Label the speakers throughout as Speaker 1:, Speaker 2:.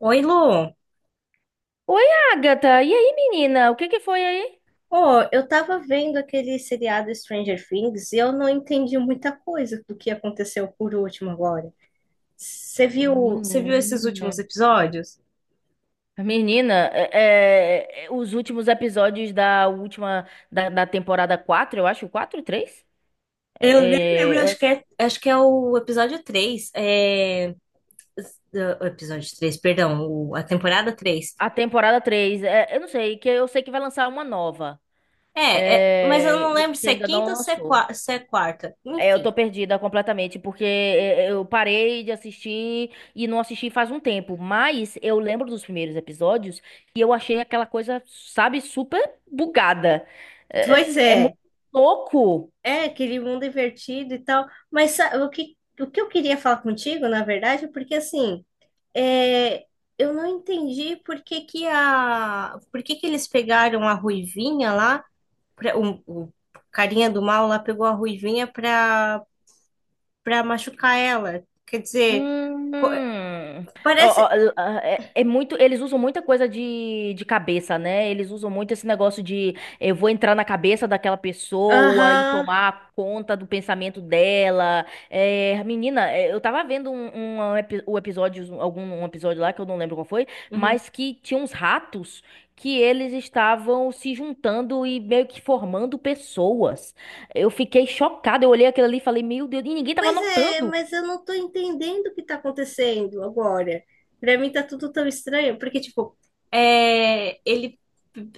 Speaker 1: Oi, Lu.
Speaker 2: Oi, Agatha. E aí, menina? O que que foi aí?
Speaker 1: Oh, eu tava vendo aquele seriado Stranger Things e eu não entendi muita coisa do que aconteceu por último agora. Você viu, você viu esses
Speaker 2: Menina.
Speaker 1: últimos episódios?
Speaker 2: Menina, os últimos episódios da última da temporada 4, eu acho, 4 3?
Speaker 1: Eu nem lembro,
Speaker 2: É, é,
Speaker 1: acho que é o episódio três. É, o episódio 3, perdão, a temporada 3.
Speaker 2: a temporada três, eu não sei, que eu sei que vai lançar uma nova,
Speaker 1: Mas eu não
Speaker 2: e
Speaker 1: lembro
Speaker 2: que
Speaker 1: se é
Speaker 2: ainda não
Speaker 1: quinta ou se é,
Speaker 2: lançou.
Speaker 1: se é quarta.
Speaker 2: É, eu
Speaker 1: Enfim.
Speaker 2: tô perdida completamente, porque eu parei de assistir e não assisti faz um tempo, mas eu lembro dos primeiros episódios e eu achei aquela coisa, sabe, super bugada.
Speaker 1: Pois
Speaker 2: É muito
Speaker 1: é,
Speaker 2: louco.
Speaker 1: é aquele mundo invertido e tal. Mas o que eu queria falar contigo, na verdade, é porque assim. É, eu não entendi por que que eles pegaram a Ruivinha lá, o carinha do mal lá pegou a Ruivinha pra machucar ela. Quer dizer,
Speaker 2: Hum.
Speaker 1: co-
Speaker 2: Ó, ó,
Speaker 1: parece.
Speaker 2: ó, muito, eles usam muita coisa de cabeça, né? Eles usam muito esse negócio de eu vou entrar na cabeça daquela pessoa e
Speaker 1: Aham.
Speaker 2: tomar conta do pensamento dela. É, menina, eu tava vendo o episódio, algum um episódio lá que eu não lembro qual foi,
Speaker 1: Uhum.
Speaker 2: mas que tinha uns ratos que eles estavam se juntando e meio que formando pessoas. Eu fiquei chocada, eu olhei aquilo ali e falei, meu Deus, e ninguém tava
Speaker 1: Pois é,
Speaker 2: notando.
Speaker 1: mas eu não tô entendendo o que tá acontecendo agora. Pra mim tá tudo tão estranho, porque, tipo, é, ele.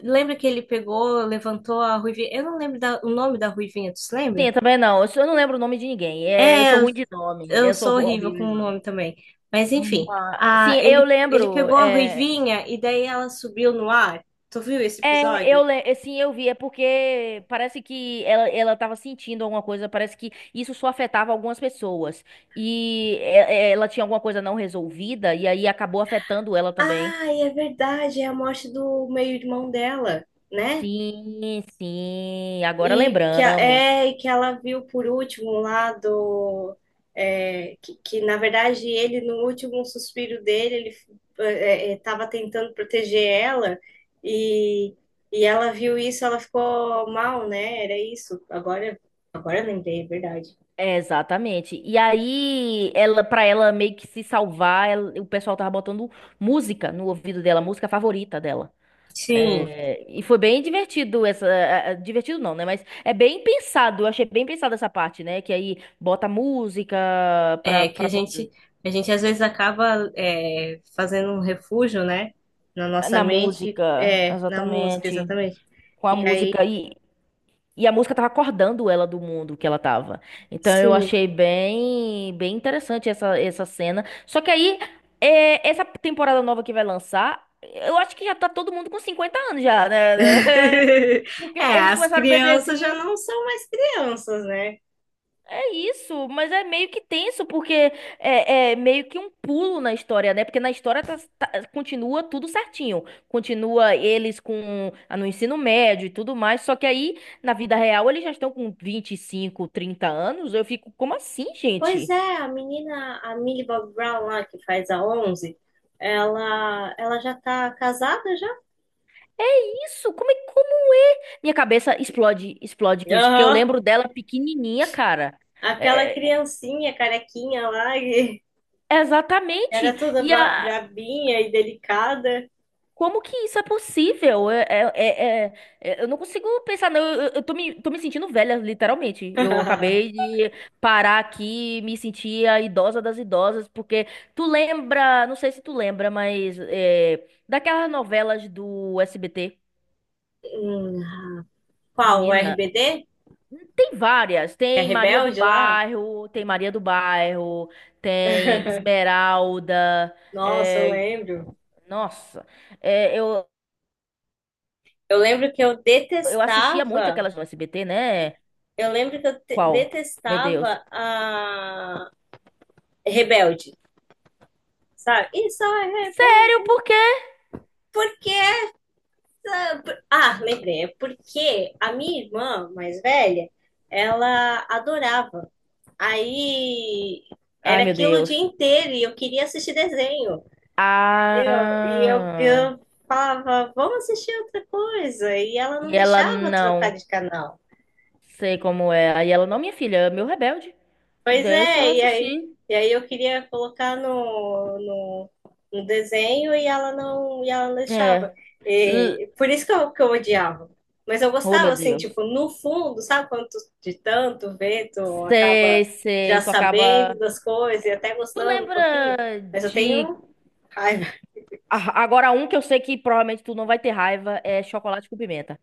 Speaker 1: Lembra que ele pegou, levantou a Ruivinha? Eu não lembro o nome da Ruivinha, tu se
Speaker 2: Sim,
Speaker 1: lembra?
Speaker 2: eu também não. Eu só não lembro o nome de ninguém. É, eu
Speaker 1: É,
Speaker 2: sou ruim de nome.
Speaker 1: eu
Speaker 2: Eu sou
Speaker 1: sou horrível
Speaker 2: horrível
Speaker 1: com
Speaker 2: de
Speaker 1: o
Speaker 2: nome.
Speaker 1: nome também. Mas enfim,
Speaker 2: Ah, sim, eu
Speaker 1: ele
Speaker 2: lembro.
Speaker 1: pegou a Ruivinha e daí ela subiu no ar. Tu viu esse episódio?
Speaker 2: Sim, eu vi. É porque parece que ela, tava sentindo alguma coisa. Parece que isso só afetava algumas pessoas. E ela tinha alguma coisa não resolvida. E aí acabou afetando ela também.
Speaker 1: Ah, é verdade, é a morte do meio-irmão dela, né?
Speaker 2: Sim, sim. Agora
Speaker 1: E que,
Speaker 2: lembramos.
Speaker 1: e que ela viu por último lá do. Que, na verdade no último suspiro dele, ele estava tentando proteger ela e, e ela viu isso, ela ficou mal, né? Era isso. Agora eu lembrei, é verdade.
Speaker 2: É, exatamente. E aí, ela, para ela meio que se salvar, o pessoal tava botando música no ouvido dela, música favorita dela.
Speaker 1: Sim,
Speaker 2: É, e foi bem divertido essa, divertido não, né? Mas é bem pensado. Eu achei bem pensado essa parte, né? Que aí bota música pra,
Speaker 1: é que
Speaker 2: pra, pô-
Speaker 1: a gente às vezes acaba fazendo um refúgio, né? Na nossa
Speaker 2: na
Speaker 1: mente,
Speaker 2: música,
Speaker 1: é, na música,
Speaker 2: exatamente,
Speaker 1: exatamente.
Speaker 2: com a
Speaker 1: E aí,
Speaker 2: música e a música tava acordando ela do mundo que ela tava. Então eu
Speaker 1: sim.
Speaker 2: achei bem, bem interessante essa cena. Só que aí, essa temporada nova que vai lançar, eu acho que já tá todo mundo com 50 anos já, né?
Speaker 1: É,
Speaker 2: Porque eles
Speaker 1: as
Speaker 2: começaram
Speaker 1: crianças já
Speaker 2: bebezinho.
Speaker 1: não são mais crianças, né?
Speaker 2: Isso, mas é meio que tenso, porque é meio que um pulo na história, né? Porque na história continua tudo certinho. Continua eles com no ensino médio e tudo mais. Só que aí, na vida real, eles já estão com 25, 30 anos. Eu fico, como assim,
Speaker 1: Pois
Speaker 2: gente?
Speaker 1: é, a Millie Bob Brown lá, que faz a 11, ela já tá casada já?
Speaker 2: Isso, como é, como é? Minha cabeça explode, explode com isso, porque eu
Speaker 1: Aham.
Speaker 2: lembro dela pequenininha, cara.
Speaker 1: Aquela
Speaker 2: É, é, é-
Speaker 1: criancinha carequinha lá, que
Speaker 2: Exatamente.
Speaker 1: era toda brabinha e delicada.
Speaker 2: Como que isso é possível? Eu não consigo pensar, não. Eu tô me sentindo velha, literalmente. Eu acabei de parar aqui, me sentir a idosa das idosas, porque tu lembra, não sei se tu lembra, mas daquelas novelas do SBT,
Speaker 1: Hum, qual, o
Speaker 2: menina,
Speaker 1: RBD?
Speaker 2: tem várias.
Speaker 1: É
Speaker 2: Tem Maria do
Speaker 1: rebelde lá?
Speaker 2: Bairro, tem Maria do Bairro, tem Esmeralda.
Speaker 1: Nossa, eu
Speaker 2: é,
Speaker 1: lembro.
Speaker 2: nossa, é, eu,
Speaker 1: Eu lembro que eu
Speaker 2: eu assistia muito
Speaker 1: detestava
Speaker 2: aquelas do SBT, né?
Speaker 1: Eu lembro que eu
Speaker 2: Qual? Meu Deus.
Speaker 1: detestava a Rebelde, sabe? Isso é
Speaker 2: Sério,
Speaker 1: rebelde.
Speaker 2: por quê?
Speaker 1: Porque, ah, lembrei, é porque a minha irmã mais velha, ela adorava. Aí
Speaker 2: Ai,
Speaker 1: era
Speaker 2: meu
Speaker 1: aquilo o dia
Speaker 2: Deus.
Speaker 1: inteiro e eu queria assistir desenho, entendeu? E
Speaker 2: Ah.
Speaker 1: eu falava, vamos assistir outra coisa. E ela não
Speaker 2: E ela
Speaker 1: deixava
Speaker 2: não.
Speaker 1: trocar de canal.
Speaker 2: Sei como é. Aí ela, não, minha filha, é meu rebelde.
Speaker 1: Pois
Speaker 2: Deixa eu
Speaker 1: é,
Speaker 2: assistir.
Speaker 1: e aí eu queria colocar no desenho e ela não deixava.
Speaker 2: É. L-
Speaker 1: E por isso que que eu odiava. Mas eu
Speaker 2: Oh,
Speaker 1: gostava,
Speaker 2: meu
Speaker 1: assim,
Speaker 2: Deus.
Speaker 1: tipo, no fundo, sabe quando de tanto ver, tu acaba
Speaker 2: Sei,
Speaker 1: já
Speaker 2: sei. Tu
Speaker 1: sabendo
Speaker 2: acaba.
Speaker 1: das coisas e até
Speaker 2: Tu
Speaker 1: gostando um
Speaker 2: lembra
Speaker 1: pouquinho? Mas eu
Speaker 2: de.
Speaker 1: tenho raiva.
Speaker 2: Ah, agora, um que eu sei que provavelmente tu não vai ter raiva é chocolate com pimenta.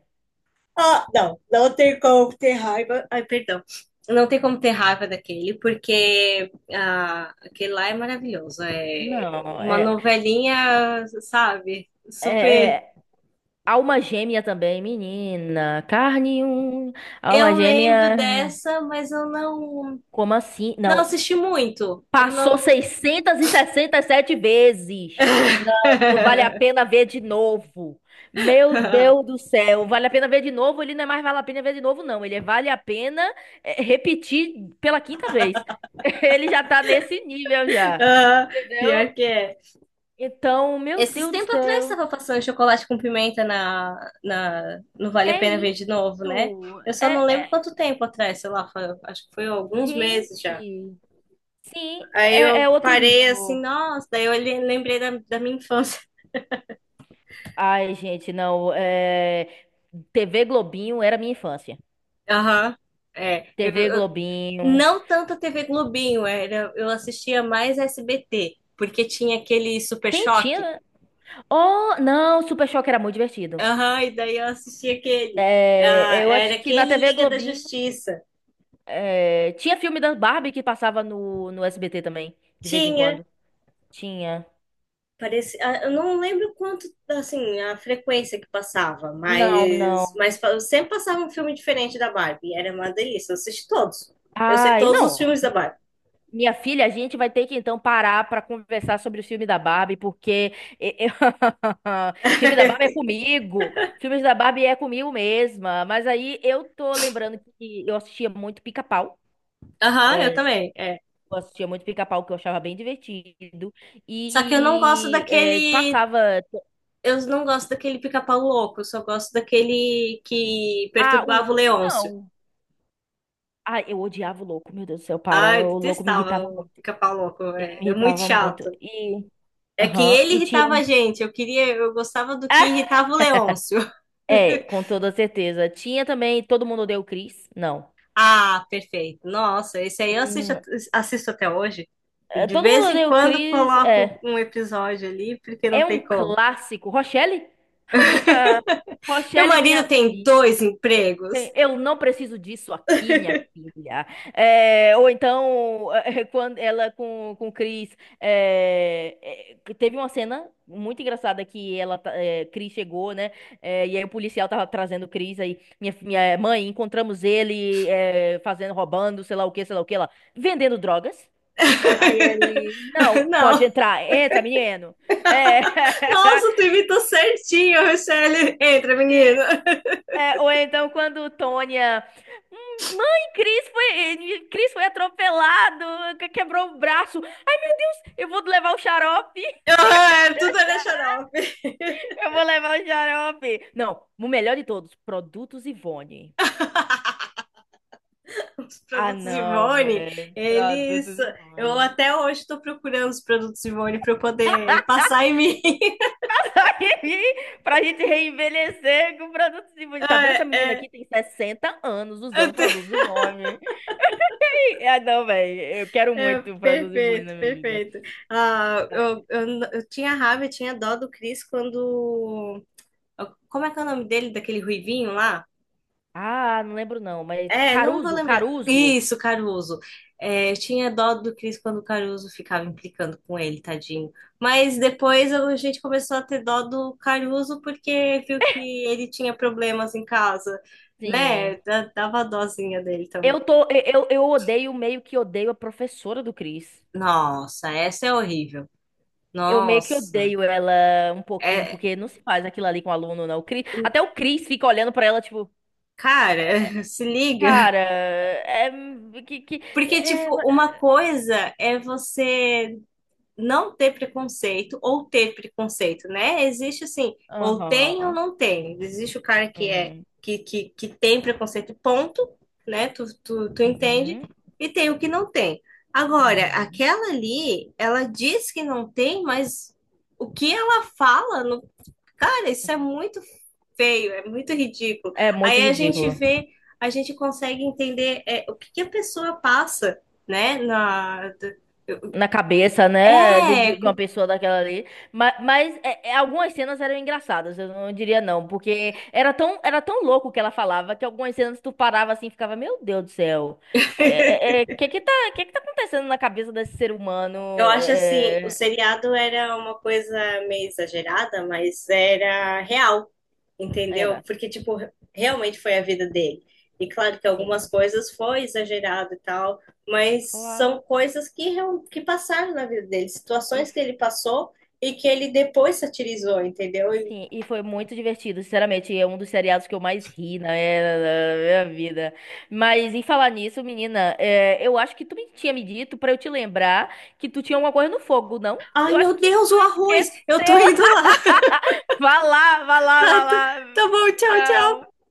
Speaker 1: Ah, não, não tem como ter raiva. Ai, perdão. Não tem como ter raiva daquele, porque ah, aquele lá é maravilhoso. É
Speaker 2: Não,
Speaker 1: uma novelinha, sabe? Super.
Speaker 2: é alma gêmea também, menina. Carne um, alma
Speaker 1: Eu lembro
Speaker 2: gêmea.
Speaker 1: dessa, mas eu não,
Speaker 2: Como assim?
Speaker 1: não
Speaker 2: Não.
Speaker 1: assisti muito. Eu
Speaker 2: Passou
Speaker 1: não.
Speaker 2: e 67 vezes. Não, não vale a pena ver de novo. Meu Deus do céu. Vale a pena ver de novo? Ele não é mais vale a pena ver de novo, não. Ele é vale a pena repetir pela quinta vez. Ele já tá nesse nível já.
Speaker 1: Ah,
Speaker 2: Entendeu?
Speaker 1: pior que é.
Speaker 2: Então, meu
Speaker 1: Esses
Speaker 2: Deus do
Speaker 1: tempos atrás
Speaker 2: céu.
Speaker 1: estava passando chocolate com pimenta no Vale a
Speaker 2: É
Speaker 1: Pena Ver de novo, né?
Speaker 2: isso.
Speaker 1: Eu só não lembro quanto tempo atrás, sei lá, acho que foi alguns meses já.
Speaker 2: Gente. Sim,
Speaker 1: Aí
Speaker 2: é
Speaker 1: eu
Speaker 2: é outro
Speaker 1: parei assim,
Speaker 2: nível.
Speaker 1: nossa, daí eu lembrei da minha infância.
Speaker 2: Ai, gente, não. TV Globinho era minha infância.
Speaker 1: Aham, é.
Speaker 2: TV Globinho.
Speaker 1: Não tanto a TV Globinho, era, eu assistia mais SBT, porque tinha aquele Super
Speaker 2: Tem, tinha,
Speaker 1: Choque.
Speaker 2: né? Oh, não, Super Choque era muito divertido.
Speaker 1: Aham, e daí eu assistia aquele.
Speaker 2: É,
Speaker 1: Ah,
Speaker 2: eu
Speaker 1: era
Speaker 2: acho que na
Speaker 1: aquele
Speaker 2: TV
Speaker 1: Liga da
Speaker 2: Globinho.
Speaker 1: Justiça.
Speaker 2: Tinha filme da Barbie que passava no SBT também, de vez em
Speaker 1: Tinha.
Speaker 2: quando. Tinha.
Speaker 1: Parecia, eu não lembro quanto, assim, a frequência que passava,
Speaker 2: Não, não.
Speaker 1: mas sempre passava um filme diferente da Barbie. E era uma delícia. Eu assisti todos. Eu sei
Speaker 2: Ai,
Speaker 1: todos os
Speaker 2: não.
Speaker 1: filmes da Barbie.
Speaker 2: Minha filha, a gente vai ter que então parar pra conversar sobre o filme da Barbie, porque e- eu- filme da Barbie é comigo, filmes da Barbie é comigo mesma. Mas aí eu tô lembrando que eu assistia muito Pica-Pau.
Speaker 1: Aham, eu
Speaker 2: é,
Speaker 1: também. É.
Speaker 2: eu assistia muito Pica-Pau, que eu achava bem divertido.
Speaker 1: Só que eu não gosto
Speaker 2: E
Speaker 1: daquele.
Speaker 2: passava.
Speaker 1: Eu não gosto daquele pica-pau louco. Eu só gosto daquele que
Speaker 2: Ah, o
Speaker 1: perturbava o
Speaker 2: Louco
Speaker 1: Leôncio.
Speaker 2: não. Ah, eu odiava o Louco, meu Deus do céu,
Speaker 1: Ah,
Speaker 2: para.
Speaker 1: eu
Speaker 2: O Louco me irritava
Speaker 1: detestava o
Speaker 2: muito.
Speaker 1: pica-pau louco.
Speaker 2: Ele me
Speaker 1: É muito
Speaker 2: irritava muito.
Speaker 1: chato.
Speaker 2: E.
Speaker 1: É que
Speaker 2: Aham,
Speaker 1: ele
Speaker 2: e
Speaker 1: irritava
Speaker 2: tinha.
Speaker 1: a gente. Eu gostava do que irritava o Leôncio.
Speaker 2: É, com toda certeza. Tinha também Todo Mundo Odeia o Chris. Não.
Speaker 1: Ah, perfeito. Nossa, esse aí
Speaker 2: Hum,
Speaker 1: assisto até hoje. De
Speaker 2: Todo
Speaker 1: vez
Speaker 2: Mundo
Speaker 1: em
Speaker 2: Odeia o
Speaker 1: quando
Speaker 2: Chris.
Speaker 1: coloco um episódio ali, porque não
Speaker 2: É um
Speaker 1: tem como.
Speaker 2: clássico. Rochelle?
Speaker 1: Meu
Speaker 2: Rochelle, minha
Speaker 1: marido tem
Speaker 2: filha.
Speaker 1: dois empregos.
Speaker 2: Tem, eu não preciso disso aqui, minha filha. É, ou então, quando ela com o Chris. Teve uma cena muito engraçada que ela, Chris chegou, né? É, e aí o policial tava trazendo o Chris aí. Minha mãe, encontramos ele fazendo, roubando, sei lá o que, sei lá o que lá, vendendo drogas. Aí ele, não, pode
Speaker 1: Não.
Speaker 2: entrar, entra, menino. É.
Speaker 1: Nossa, tu imitou certinho, Michele. Entra, menina.
Speaker 2: É, ou então quando Tônia. Mãe, Cris foi atropelado, quebrou o braço. Ai, meu Deus, eu vou levar o xarope.
Speaker 1: Ah, é, tudo era xarope.
Speaker 2: Eu vou levar o xarope. Não, o melhor de todos, produtos Ivone.
Speaker 1: Os
Speaker 2: Ah,
Speaker 1: produtos
Speaker 2: não,
Speaker 1: Ivone,
Speaker 2: velho.
Speaker 1: eles.
Speaker 2: Produtos
Speaker 1: Eu
Speaker 2: Ivone.
Speaker 1: até hoje estou procurando os produtos Ivone para eu poder passar em mim.
Speaker 2: passar aqui pra gente reenvelhecer com produtos Ivone. Tá vendo essa menina
Speaker 1: É,
Speaker 2: aqui? Tem 60 anos usando
Speaker 1: é.
Speaker 2: produtos Ivone. Ah, não, velho. Eu quero
Speaker 1: É,
Speaker 2: muito produtos Ivone
Speaker 1: perfeito,
Speaker 2: na minha vida.
Speaker 1: perfeito. Ah,
Speaker 2: Vai.
Speaker 1: eu tinha raiva, eu tinha dó do Chris quando. Como é que é o nome dele, daquele ruivinho lá?
Speaker 2: Ah, não lembro não, mas...
Speaker 1: É, não vou
Speaker 2: Caruso,
Speaker 1: lembrar.
Speaker 2: Caruso.
Speaker 1: Isso, Caruso. É, eu tinha dó do Chris quando o Caruso ficava implicando com ele, tadinho. Mas depois a gente começou a ter dó do Caruso porque viu que ele tinha problemas em casa,
Speaker 2: Sim.
Speaker 1: né? Dava dózinha dele também.
Speaker 2: Eu odeio, meio que odeio a professora do Cris.
Speaker 1: Nossa, essa é horrível.
Speaker 2: Eu meio que
Speaker 1: Nossa.
Speaker 2: odeio ela um pouquinho,
Speaker 1: É,
Speaker 2: porque não se faz aquilo ali com o aluno, não. O Cris, até o Cris fica olhando pra ela, tipo... "É,
Speaker 1: cara, se liga.
Speaker 2: cara, que, que,
Speaker 1: Porque,
Speaker 2: é,
Speaker 1: tipo, uma coisa é você não ter preconceito ou ter preconceito, né? Existe assim, ou tem ou
Speaker 2: Aham.
Speaker 1: não tem. Existe o cara que é
Speaker 2: Uhum.
Speaker 1: que tem preconceito, ponto, né? Tu entende?
Speaker 2: Uhum.
Speaker 1: E tem o que não tem. Agora,
Speaker 2: Uhum.
Speaker 1: aquela ali, ela diz que não tem, mas o que ela fala no... Cara, isso é muito feio, é muito ridículo.
Speaker 2: É muito
Speaker 1: Aí a gente
Speaker 2: ridículo.
Speaker 1: vê, a gente consegue entender é, o que que a pessoa passa, né? Na, do-
Speaker 2: Na cabeça, né, de,
Speaker 1: é,
Speaker 2: de uma
Speaker 1: co-
Speaker 2: pessoa daquela ali. Algumas cenas eram engraçadas, eu não diria não, porque era tão louco o que ela falava que algumas cenas tu parava assim e ficava, meu Deus do céu, que que tá acontecendo na cabeça desse ser
Speaker 1: eu
Speaker 2: humano?
Speaker 1: acho assim, o seriado era uma coisa meio exagerada, mas era real, entendeu?
Speaker 2: Era,
Speaker 1: Porque, tipo, realmente foi a vida dele. E claro que algumas
Speaker 2: sim,
Speaker 1: coisas foi exagerado e tal, mas
Speaker 2: claro.
Speaker 1: são coisas que, que passaram na vida dele,
Speaker 2: E
Speaker 1: situações que ele passou e que ele depois satirizou, entendeu?
Speaker 2: Sim, e foi muito divertido, sinceramente. É um dos seriados que eu mais ri na minha vida. Mas em falar nisso, menina, eu acho que tu me tinha me dito pra eu te lembrar que tu tinha alguma coisa no fogo, não?
Speaker 1: Ai,
Speaker 2: Eu acho
Speaker 1: meu
Speaker 2: que
Speaker 1: Deus,
Speaker 2: tu
Speaker 1: o arroz!
Speaker 2: esqueceu.
Speaker 1: Eu tô indo lá.
Speaker 2: Vá lá, vá lá,
Speaker 1: Tá,
Speaker 2: vá lá.
Speaker 1: tá bom, tchau, tchau.
Speaker 2: Tchau.